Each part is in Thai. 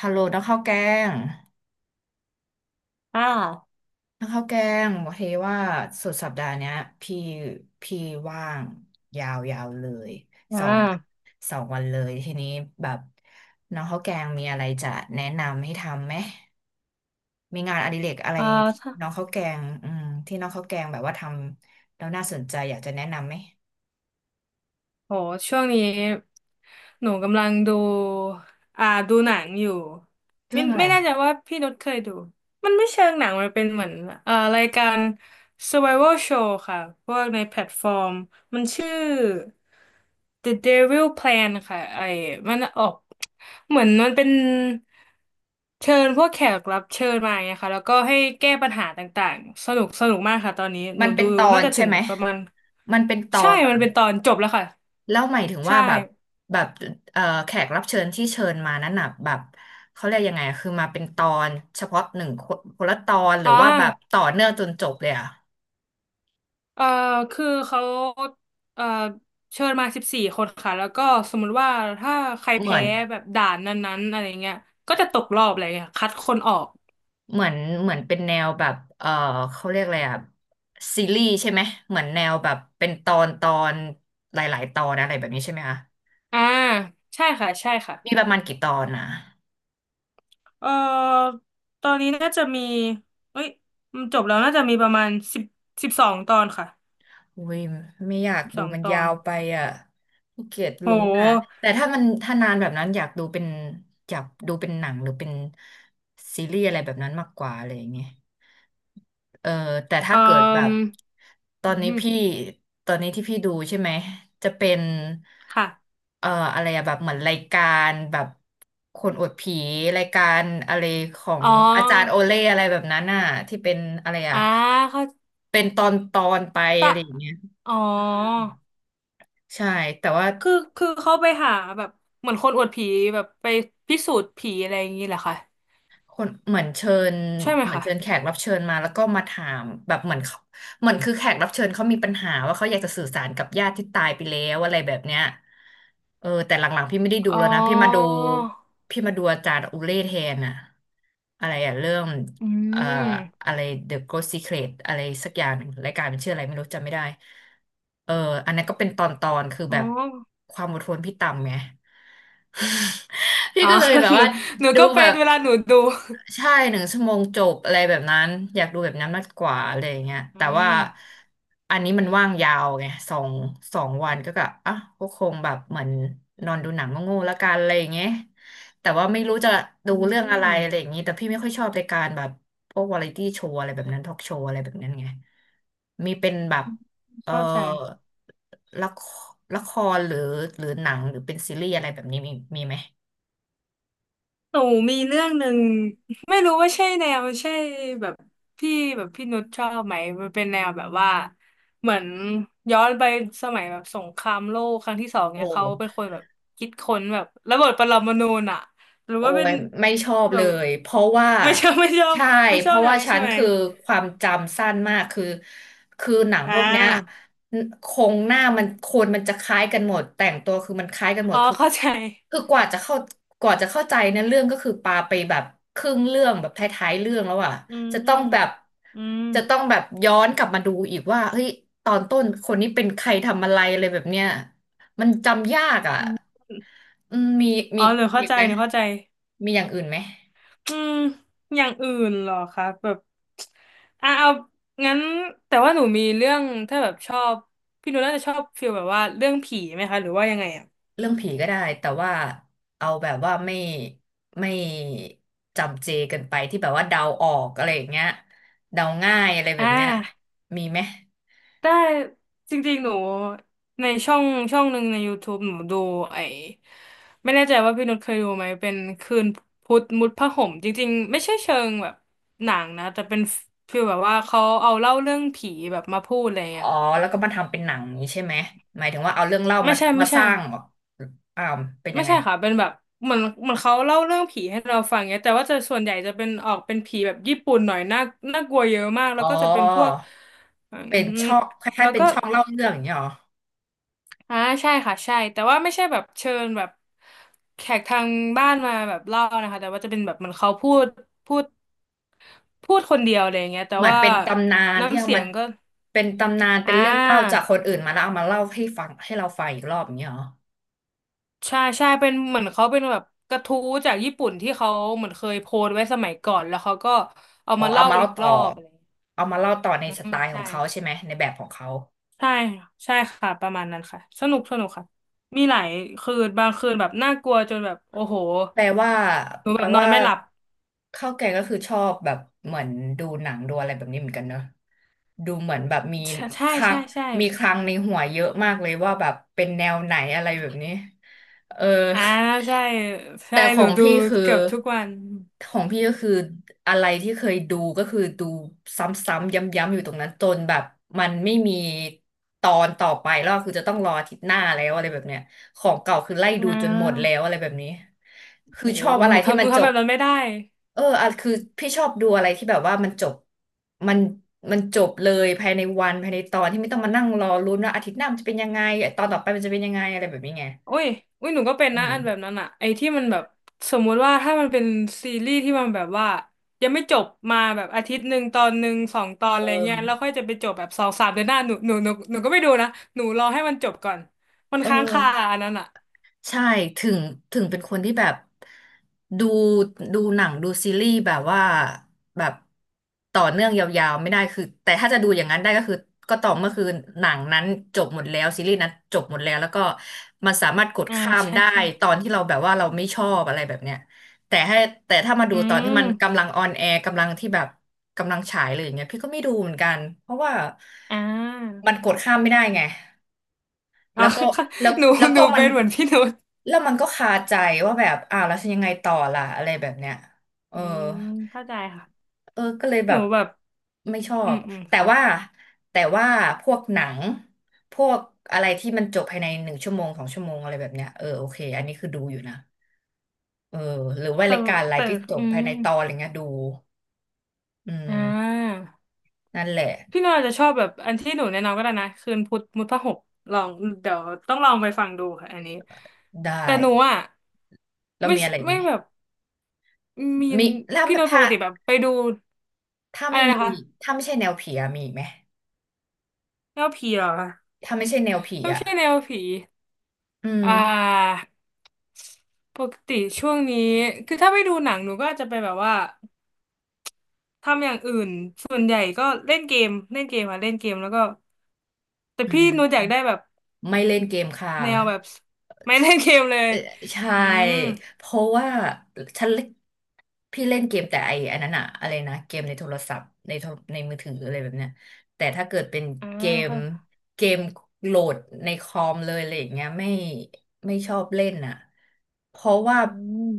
ฮัลโหลนักข้าวแกงอ่านักข้าวแกงโอเคว่าสุดสัปดาห์เนี้ยพี่พี่ว่างยาวยาวเลยอ่สองาสองวันเลยทีนี้แบบน้องข้าวแกงมีอะไรจะแนะนำให้ทำไหมมีงานอดิเรกอะไรเอ่อที่ถ้า น้องข้าวแกงที่น้องข้าวแกงแบบว่าทำแล้วน่าสนใจอยากจะแนะนำไหมโหช่วงนี้หนูกำลังดูดูหนังอยู่เรื่ไม่องอะไรไม่แน่อะใจว่าพี่นุชเคยดูมันไม่เชิงหนังมันเป็นเหมือนรายการ Survival Show ค่ะพวกในแพลตฟอร์มมันชื่อ The Devil Plan ค่ะไอ้มันออกเหมือนมันเป็นเชิญพวกแขกรับเชิญมาอย่างเงี้ยค่ะแล้วก็ให้แก้ปัญหาต่างๆสนุกมากค่ะตอนนี้หมันูนเป็ดูนตอน่านจะใช่ถึงไหมประมาณมันเป็นตอใช่นเหรอ มันเป็นตอนจบแล้วค่ะ แล้วหมายถึงใช่ว่าแบบแขกรับเชิญที่เชิญมานั้นน่ะแบบเขาเรียกยังไงอะคือมาเป็นตอนเฉพาะหนึ่งคนคนละตอนหรือ๋ออว่าแบบต่อเนื่องจนจบเลยอะเออคือเขาเออเชิญมา14 คนค่ะ แล้วก็สมมุติว่าถ้าใครเหมืแพ้อนแบบด่านนั้นๆอะไรเงี้ยก็จะตกรอบอะไรเงี้ยคัดคนออก เหมือนเหมือนเป็นแนวแบบเขาเรียกอะไรอะซีรีส์ใช่ไหมเหมือนแนวแบบเป็นตอนตอนหลายๆตอนอะไรแบบนี้ใช่ไหมคะอ่าใช่ค่ะ ใช่ค่ะมีประมาณกี่ตอนนะ เออตอนนี้น่าจะมีเอ้ยมันจบแล้วน่าจะมีประมาณ10 12 ตอนค่ะอุ้ยไม่อยากสิบดูสองมันตอยานวไปอ่ะขี้เกียจโลุ้นอ่ะหแต่ถ้านานแบบนั้นอยากดูเป็นหนังหรือเป็นซีรีส์อะไรแบบนั้นมากกว่าอะไรอย่างเงี้ยเออแต่ถ้าเอ่เกิดแบบอตออืนนี้มพี่ตอนนี้ที่พี่ดูใช่ไหมจะเป็นค่ะ เอ่ออะไรอะแบบเหมือนรายการแบบคนอวดผีรายการอะไรของอ๋ออาจารย์โอเล่อะไรแบบนั้นน่ะที่เป็นอะไรอะอ่าเขาเป็นตอนตอนไปอะตะไรอย่างเงี้ย อ๋อ ใช่แต่ว่าคือเขาไปหาแบบเหมือนคนอวดผีแบบไปพิสูจน์ผีอะไรอย่างนี้แหละค่ะคนใช่ไหมเหมือนคะเชิญแขกรับเชิญมาแล้วก็มาถามแบบเหมือนเขาเหมือนคือแขกรับเชิญเขามีปัญหาว่าเขาอยากจะสื่อสารกับญาติที่ตายไปแล้วอะไรแบบเนี้ยแต่หลังๆพี่ไม่ได้ดูอ๋อ แล้วนะพี่มาดูอาจารย์อุเล่แทนอะอะไรอะเรื่องอืเอ่ม ออะไร The Ghost Secret อะไรสักอย่างหนึ่งรายการมันชื่ออะไรไม่รู้จำไม่ได้เอออันนั้นก็เป็นตอนๆคืออ๋แบอ บความอดทนพี่ต่ำไง พี่อ๋อ ก็เลยแบ บหนูว่าหนูดูก็เป็แบนบ เวลาหนูดูใช่หนึ่งชั่วโมงจบอะไรแบบนั้นอยากดูแบบนั้นมากกว่าอะไรอย่างเงี้ยอืแต่ว่ามอันนี้มันว่างยาวไงสองวันก็กะอ่ะก็คงแบบเหมือนนอนดูหนังโง่ๆละกันอะไรอย่างเงี้ยแต่ว่าไม่รู้จะดูอืเรื่องอะไรอะไรอมย่างงี้แต่พี่ไม่ค่อยชอบรายการแบบพวกวาไรตี้โชว์อะไรแบบนั้นทอล์กโชว์อะไรแบบนั้นไงมีเป็นแบบเออเข้าใจ ละคละครหรือหนังหรือเป็นซีรีส์อะไรแบบนี้มีไหมหนูมีเรื่องหนึ่งไม่รู้ว่าใช่แนวใช่แบบที่แบบพี่นุชชอบไหมมันเป็นแนวแบบว่าเหมือนย้อนไปสมัยแบบสงครามโลกครั้งที่ 2โอ้ เนี่ยเขาเป็นคนแบบคิดค้นแบบระเบิดปรมาณูน่ะหรือโอ้ว่าเป็นยไม่ชอบแบเลบยเพราะว่าไม่ชอบ ไม่ชอบใช่ไม่เพชอบราะแนว่าวนี้ฉัใช่นไหมคือความจำสั้นมากคือหนังอ่พวกเนี้ยาโครงหน้ามันคนมันจะคล้ายกันหมดแต่งตัวคือมันคล้ายกันหมอ๋ดอคือเข้าใจคือกว่าจะเข้าใจเนอเรื่องก็คือปาไปแบบครึ่งเรื่องแบบท้ายๆเรื่องแล้วอ่ะอืมจะต้อืองมแบบจะต้องแบบย้อนกลับมาดูอีกว่าเฮ้ยตอนต้นคนนี้เป็นใครทำอะไรอะไรแบบเนี้ยมันจำยากอ่ะอืมอืมมีอ๋มีอหนูเข้าอีกใจไหม หนูเข้าใจ มีอย่างอื่นไหมอืมอย่างอื่นเหรอคะแบบอ่ะเอางั้นแต่ว่าหนูมีเรื่องถ้าแบบชอบพี่หนูน่าจะชอบฟีลแบบว่าเรื่องผีไหมคะหรือว่ายังไงอ่ะเรื่องผีก็ได้แต่ว่าเอาแบบว่าไม่จำเจเกันไปที่แบบว่าเดาออกอะไรอย่างเงี้ยเดาง่ายอะไรแบอ่บเนี้ยามีไหมได้จริงๆหนูในช่องช่องหนึ่งในยูทูบ e หนูดูไอ้ไม่แน่ใจว่าพี่นุชเคยดูไหมเป็นคืนพุธมุดผ้าห่มจริงๆไม่ใช่เชิงแบบหนังนะแต่เป็นฟีลแบบว่าเขาเอาเล่าเรื่องผีแบบมาพูดอะไรอย่างอ๋เงี้อยค่ะแล้วก็มาทำเป็นหนังนี้ใช่ไหมหมายถึงว่าเอาเรื่องเล่าไม่มาใช่ไม่มาสใช่ ร้างเหรออ้าวเป็นยัไม่งไงใช่ค่ะเป็นแบบเหมือนเขาเล่าเรื่องผีให้เราฟังเงี้ยแต่ว่าจะส่วนใหญ่จะเป็นออกเป็นผีแบบญี่ปุ่นหน่อยน่าน่ากลัวเยอะมากอ๋แล้วอก็จะเป็นพวกอืเป็นมช่องคล้าแล้ยวๆเป็นก็ช่องเล่าเรื่องอย่างเงี้ยเหรออ่าใช่ค่ะใช่แต่ว่าไม่ใช่แบบเชิญแบบแขกทางบ้านมาแบบเล่านะคะแต่ว่าจะเป็นแบบเหมันเขาพูดพูดคนเดียวอะไรอย่างเงี้ยแต่เหมือนว่าเป็นตำนานที่น้ำเอาเสียมางก็เป็นตำนานเป็อ่นเรื่องเล่าจากาคนอื่นมาแล้วเอามาเล่าให้ฟังให้เราฟังอีกรอบอย่างเงี้ยเหรอ ใช่ใช่เป็นเหมือนเขาเป็นแบบกระทู้จากญี่ปุ่นที่เขาเหมือนเคยโพสต์ไว้สมัยก่อนแล้วเขาก็เอาอ๋อมาเอาเล่ามาอีเล่ากต่รอ อบอะไร เอามาเล่าต่อในอืสไตมล์ขอใช่งเขาใช่ไหม ในแบบของเขา ใช่ใช่ค่ะประมาณนั้นค่ะสนุกค่ะมีหลายคืนบางคืนแบบน่ากลัวจนแบบโอ้โหแปลว่าหนูแปแบลบนอว่านไม่หลับข้าวแกงก็คือชอบแบบเหมือนดูหนังดูอะไรแบบนี้เหมือนกันเนอะดูเหมือนแบบใช่ใช่คลัใช่งใช่มีคลังในหัวเยอะมากเลยว่าแบบเป็นแนวไหนอะไรแบบนี้เอออ่าใช่ใช่แต่หนูดูเกือบทุกวันของพี่ก็คืออะไรที่เคยดูก็คือดูซ้ำๆย้ำๆอยู่ตรงนั้นจนแบบมันไม่มีตอนต่อไปแล้วคือจะต้องรออาทิตย์หน้าแล้วอะไรแบบเนี้ย ของเก่าคือไล่อ่ดูจนหมดแล้าวอะไรแบบนี้คืโหอชอบอะหไรนูที่ทำหมันูนจทำแบบบนั้นไม่ได้ อ่ะคือพี่ชอบดูอะไรที่แบบว่ามันจบมันมันจบเลยภายในวันภายในตอนที่ไม่ต้องมานั่งรอลุ้นว่าอาทิตย์หน้ามันจะเป็นยังไงตอนต่อไปมันจะเป็นยังไงอะไรแบบนี้ไงอุ้ยอุ้ยหนูก็เป็นเอนะอันแบบอนั้นอะไอ้ที่มันแบบสมมุติว่าถ้ามันเป็นซีรีส์ที่มันแบบว่ายังไม่จบมาแบบอาทิตย์หนึ่งตอนหนึ่งสองตอนอะเอไรอเงี้ยแล้วค่อยจะไปจบแบบสองสามเดือนหน้าหนูก็ไม่ดูนะหนูรอให้มันจบก่อนมันเค้างคาออ อันนั้นอะใช่ถึงถึงเป็นคนที่แบบดูดูหนังดูซีรีส์แบบว่าแบบต่อเนื่องยาวๆไม่ได้คือแต่ถ้าจะดูอย่างนั้นได้ก็คือก็ต่อเมื่อคือหนังนั้นจบหมดแล้วซีรีส์นั้นจบหมดแล้วแล้วก็มันสามารถกดอ่าข้ามใช่ได้ใช่ตอนที่เราแบบว่าเราไม่ชอบอะไรแบบเนี้ยแต่ให้แต่ถ้ามาดูอืตอนที่มันมกำลังออนแอร์กำลังที่แบบกำลังฉายเลยอย่างเงี้ยพี่ก็ไม่ดูเหมือนกันเพราะว่าอ่ามันกดข้ามไม่ได้ไง แล้อ่า วก็ แล้วหนูแล้วหนูก็มัเป็นนเหมือนพี่นุชแล้วมันก็คาใจว่าแบบอ้าวแล้วฉันยังไงต่อล่ะอะไรแบบเนี้ยเอออืมเข้าใจค่ะเออก็เลยแบหนูบแบบไม่ชออืบมอืมแต่ค่ะว่าแต่ว่าพวกหนังพวกอะไรที่มันจบภายในหนึ่งชั่วโมงสองชั่วโมงอะไรแบบเนี้ยเออโอเคอันนี้คือดูอยู่นะเออหรือว่าแต่รายการอะไรแต่ที่จอืบมภายในตอนอะไรเงี้ยดูอือ่มา นั่นแหละพี่หน่อยจะชอบแบบอันที่หนูแนะนำก็ได้นะคืนพุธมุทพหกลองเดี๋ยวต้องลองไปฟังดูค่ะอันนี้ได้แต่หนูอ่ะแล้วไม่มีอะไรอีกไหไม่มแบบมีนมีแล้วพี่หน่อยปถ้ากติแบบไปดูถ้าอะไม่ไรมีนะคะถ้าไม่ใช่แนวผีอะมีอีกไหมแนวผีเหรอคะถ้าไม่ใช่แนวผีไม่อะ ใช่แนวผีอืมอ่าปกติช่วงนี้คือถ้าไม่ดูหนังหนูก็อาจจะไปแบบว่าทำอย่างอื่นส่วนใหญ่ก็เล่นเกมค่ะเล่นเกมแล้วก็แต่อ่พี่หานูอยากได้แบบ ไม่เล่นเกมค่ะแนวแบบ ไม่เล่นเกมเลยเอ่อใช่อืมเพราะว่าฉันเล่นพี่เล่นเกมแต่ไอ้อันนั้นอะอะไรนะเกมในโทรศัพท์ในโทรในมือถืออะไรแบบเนี้ยแต่ถ้าเกิดเป็นอ่าเกมค่ะเกมโหลดในคอมเลยอะไรอย่างเงี้ยไม่ชอบเล่นอะเพราะว่าอืม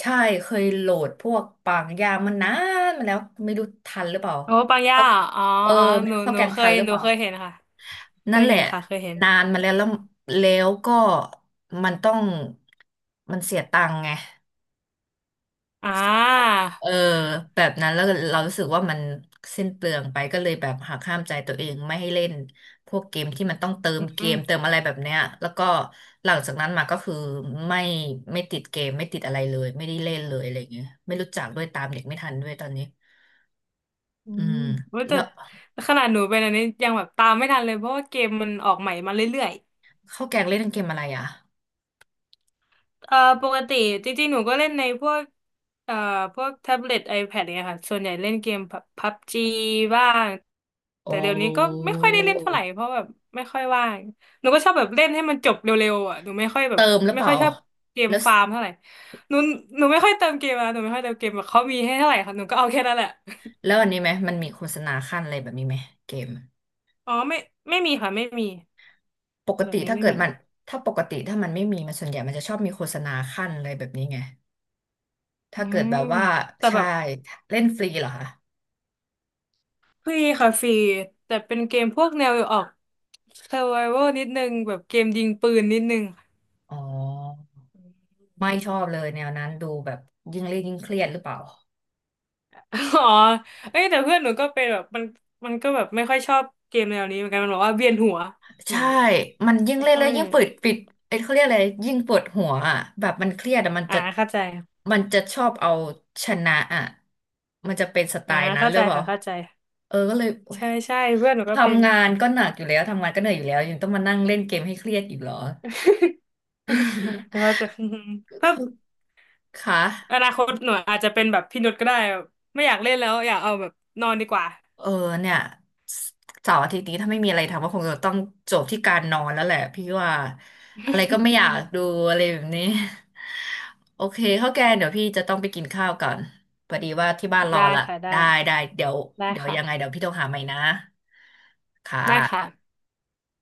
ใช่เคยโหลดพวกปางยามันนานมาแล้วไม่รู้ทันหรือเปล่าโอ้ปังย่าเขาอ๋อเอออ๋อไม่หนูรู้เข้าหนูแกงเคทัยนหรือหเปนูล่า เคยเห็นค่ะ เคนั่นยแหเห็ละนค่ะ เคยเห็นนานมาแล้วแล้วแล้วก็มันต้องมันเสียตังค์ไงอ่าเออแบบนั้นแล้วเรารู้สึกว่ามันสิ้นเปลืองไปก็เลยแบบหักห้ามใจตัวเองไม่ให้เล่นพวกเกมที่มันต้องเติมอืเกมเติมมอะไรแบบเนี้ยแล้วก็หลังจากนั้นมาก็คือไม่ไม่ติดเกมไม่ติดอะไรเลยไม่ได้เล่นเลยอะไรอย่างเงี้ยไม่รู้จักด้วยตามเด็กไม่ทันด้วยตอนนี้อือืมมว่าแต่แล้วขนาดหนูเป็นอันนี้ยังแบบตามไม่ทันเลยเพราะว่าเกมมันออกใหม่มาเรื่อย ข้าวแกงเล่นเกมอะไรอ่ะเอ่อปกติจริงๆหนูก็เล่นในพวกเอ่อพวกแท็บเล็ต iPad เนี่ยค่ะส่วนใหญ่เล่นเกมพับจีบ้างแต่โอ้เดี๋ยวนี้ก็ไม่ค่อยได้เล่นเท่าไหร่เพราะแบบไม่ค่อยว่างหนูก็ชอบแบบเล่นให้มันจบเร็วๆอ่ะหนูไม่ค่อยแบเติบมหรือไม่เปค่ล่าอยชอบเกมแล้ว ฟาร์มเท่าไหร่หนูหนูไม่ค่อยเติมเกมอ่ะหนูไม่ค่อยเติมเกมแบบเขามีให้เท่าไหร่ค่ะหนูก็เอาแค่นั้นแหละแล้วอันนี้ไหมมันมีโฆษณาขั้นอะไรแบบนี้ไหมเกมอ๋อไม่มีค่ะไม่มีปกแบติบนี้ถ้าไม่เกิดมีมันปกติถ้ามันไม่มีมันส่วนใหญ่มันจะชอบมีโฆษณาขั้นอะไรแบบนี้ไงอืถ้าเกิดมแบบว่าแต่แบใช่บ เล่นฟรีเหรอคะฟรีค่ะฟรีแต่เป็นเกมพวกแนวออก survival นิดนึงแบบเกมยิงปืนนิดนึง อ๋อไม่ชอบเลยแนวนั้นดูแบบยิ่งเล่นยิ่งเครียดหรือเปล่า อ๋อเอ้ยแต่เพื่อนหนูก็เป็นแบบมันก็แบบไม่ค่อยชอบเกมแนวนี้เหมือนกันมันบอกว่าเวียนหัวแบใช่บนี้มันยิ่งไม่เล่นค่เลอยยยิ่งปิดปิดไอ้ยเขาเรียกอะไรยิ่งปวดหัวอ่ะแบบมันเครียดอ่ะมันอ่าจะเข้าใจมันจะชอบเอาชนะอ่ะมันจะเป็นสไตอ่าล์นั้นเข้าหรืใจอเปล่าค่ะเข้าใจเออก็เลย ใช่ใช่เพื่อนหนูก็เป็น ทำงานก็หนักอยู่แล้วทำงานก็เหนื่อยอยู่แล้วยังต้องมานั่งเล่นเกมให้เครียดอีกเหรอ หนูว่า จะ อืมถ้าเขาค่ะอนาคตหนูอาจจะเป็นแบบพี่นุชก็ได้แบบไม่อยากเล่นแล้วอยากเอาแบบนอนดีกว่า เออเนี่ยเสาร์อาทิตย์นี้ถ้าไม่มีอะไรทำก็คงจะต้องจบที่การนอนแล้วแหละพี่ว่าอะไรก็ไม่อยากดูอะไรแบบนี้ โอเคข้าวแกงเดี๋ยวพี่จะต้องไปกินข้าวก่อนพอดีว่าที่บ้าน รอได้ละค่ะได้ได้ได้เดี๋ยวได้เดี๋ยวยังไงเดี๋ยค่ะ วพี่โทรหาใหม่นะค่ได้ค่ะะ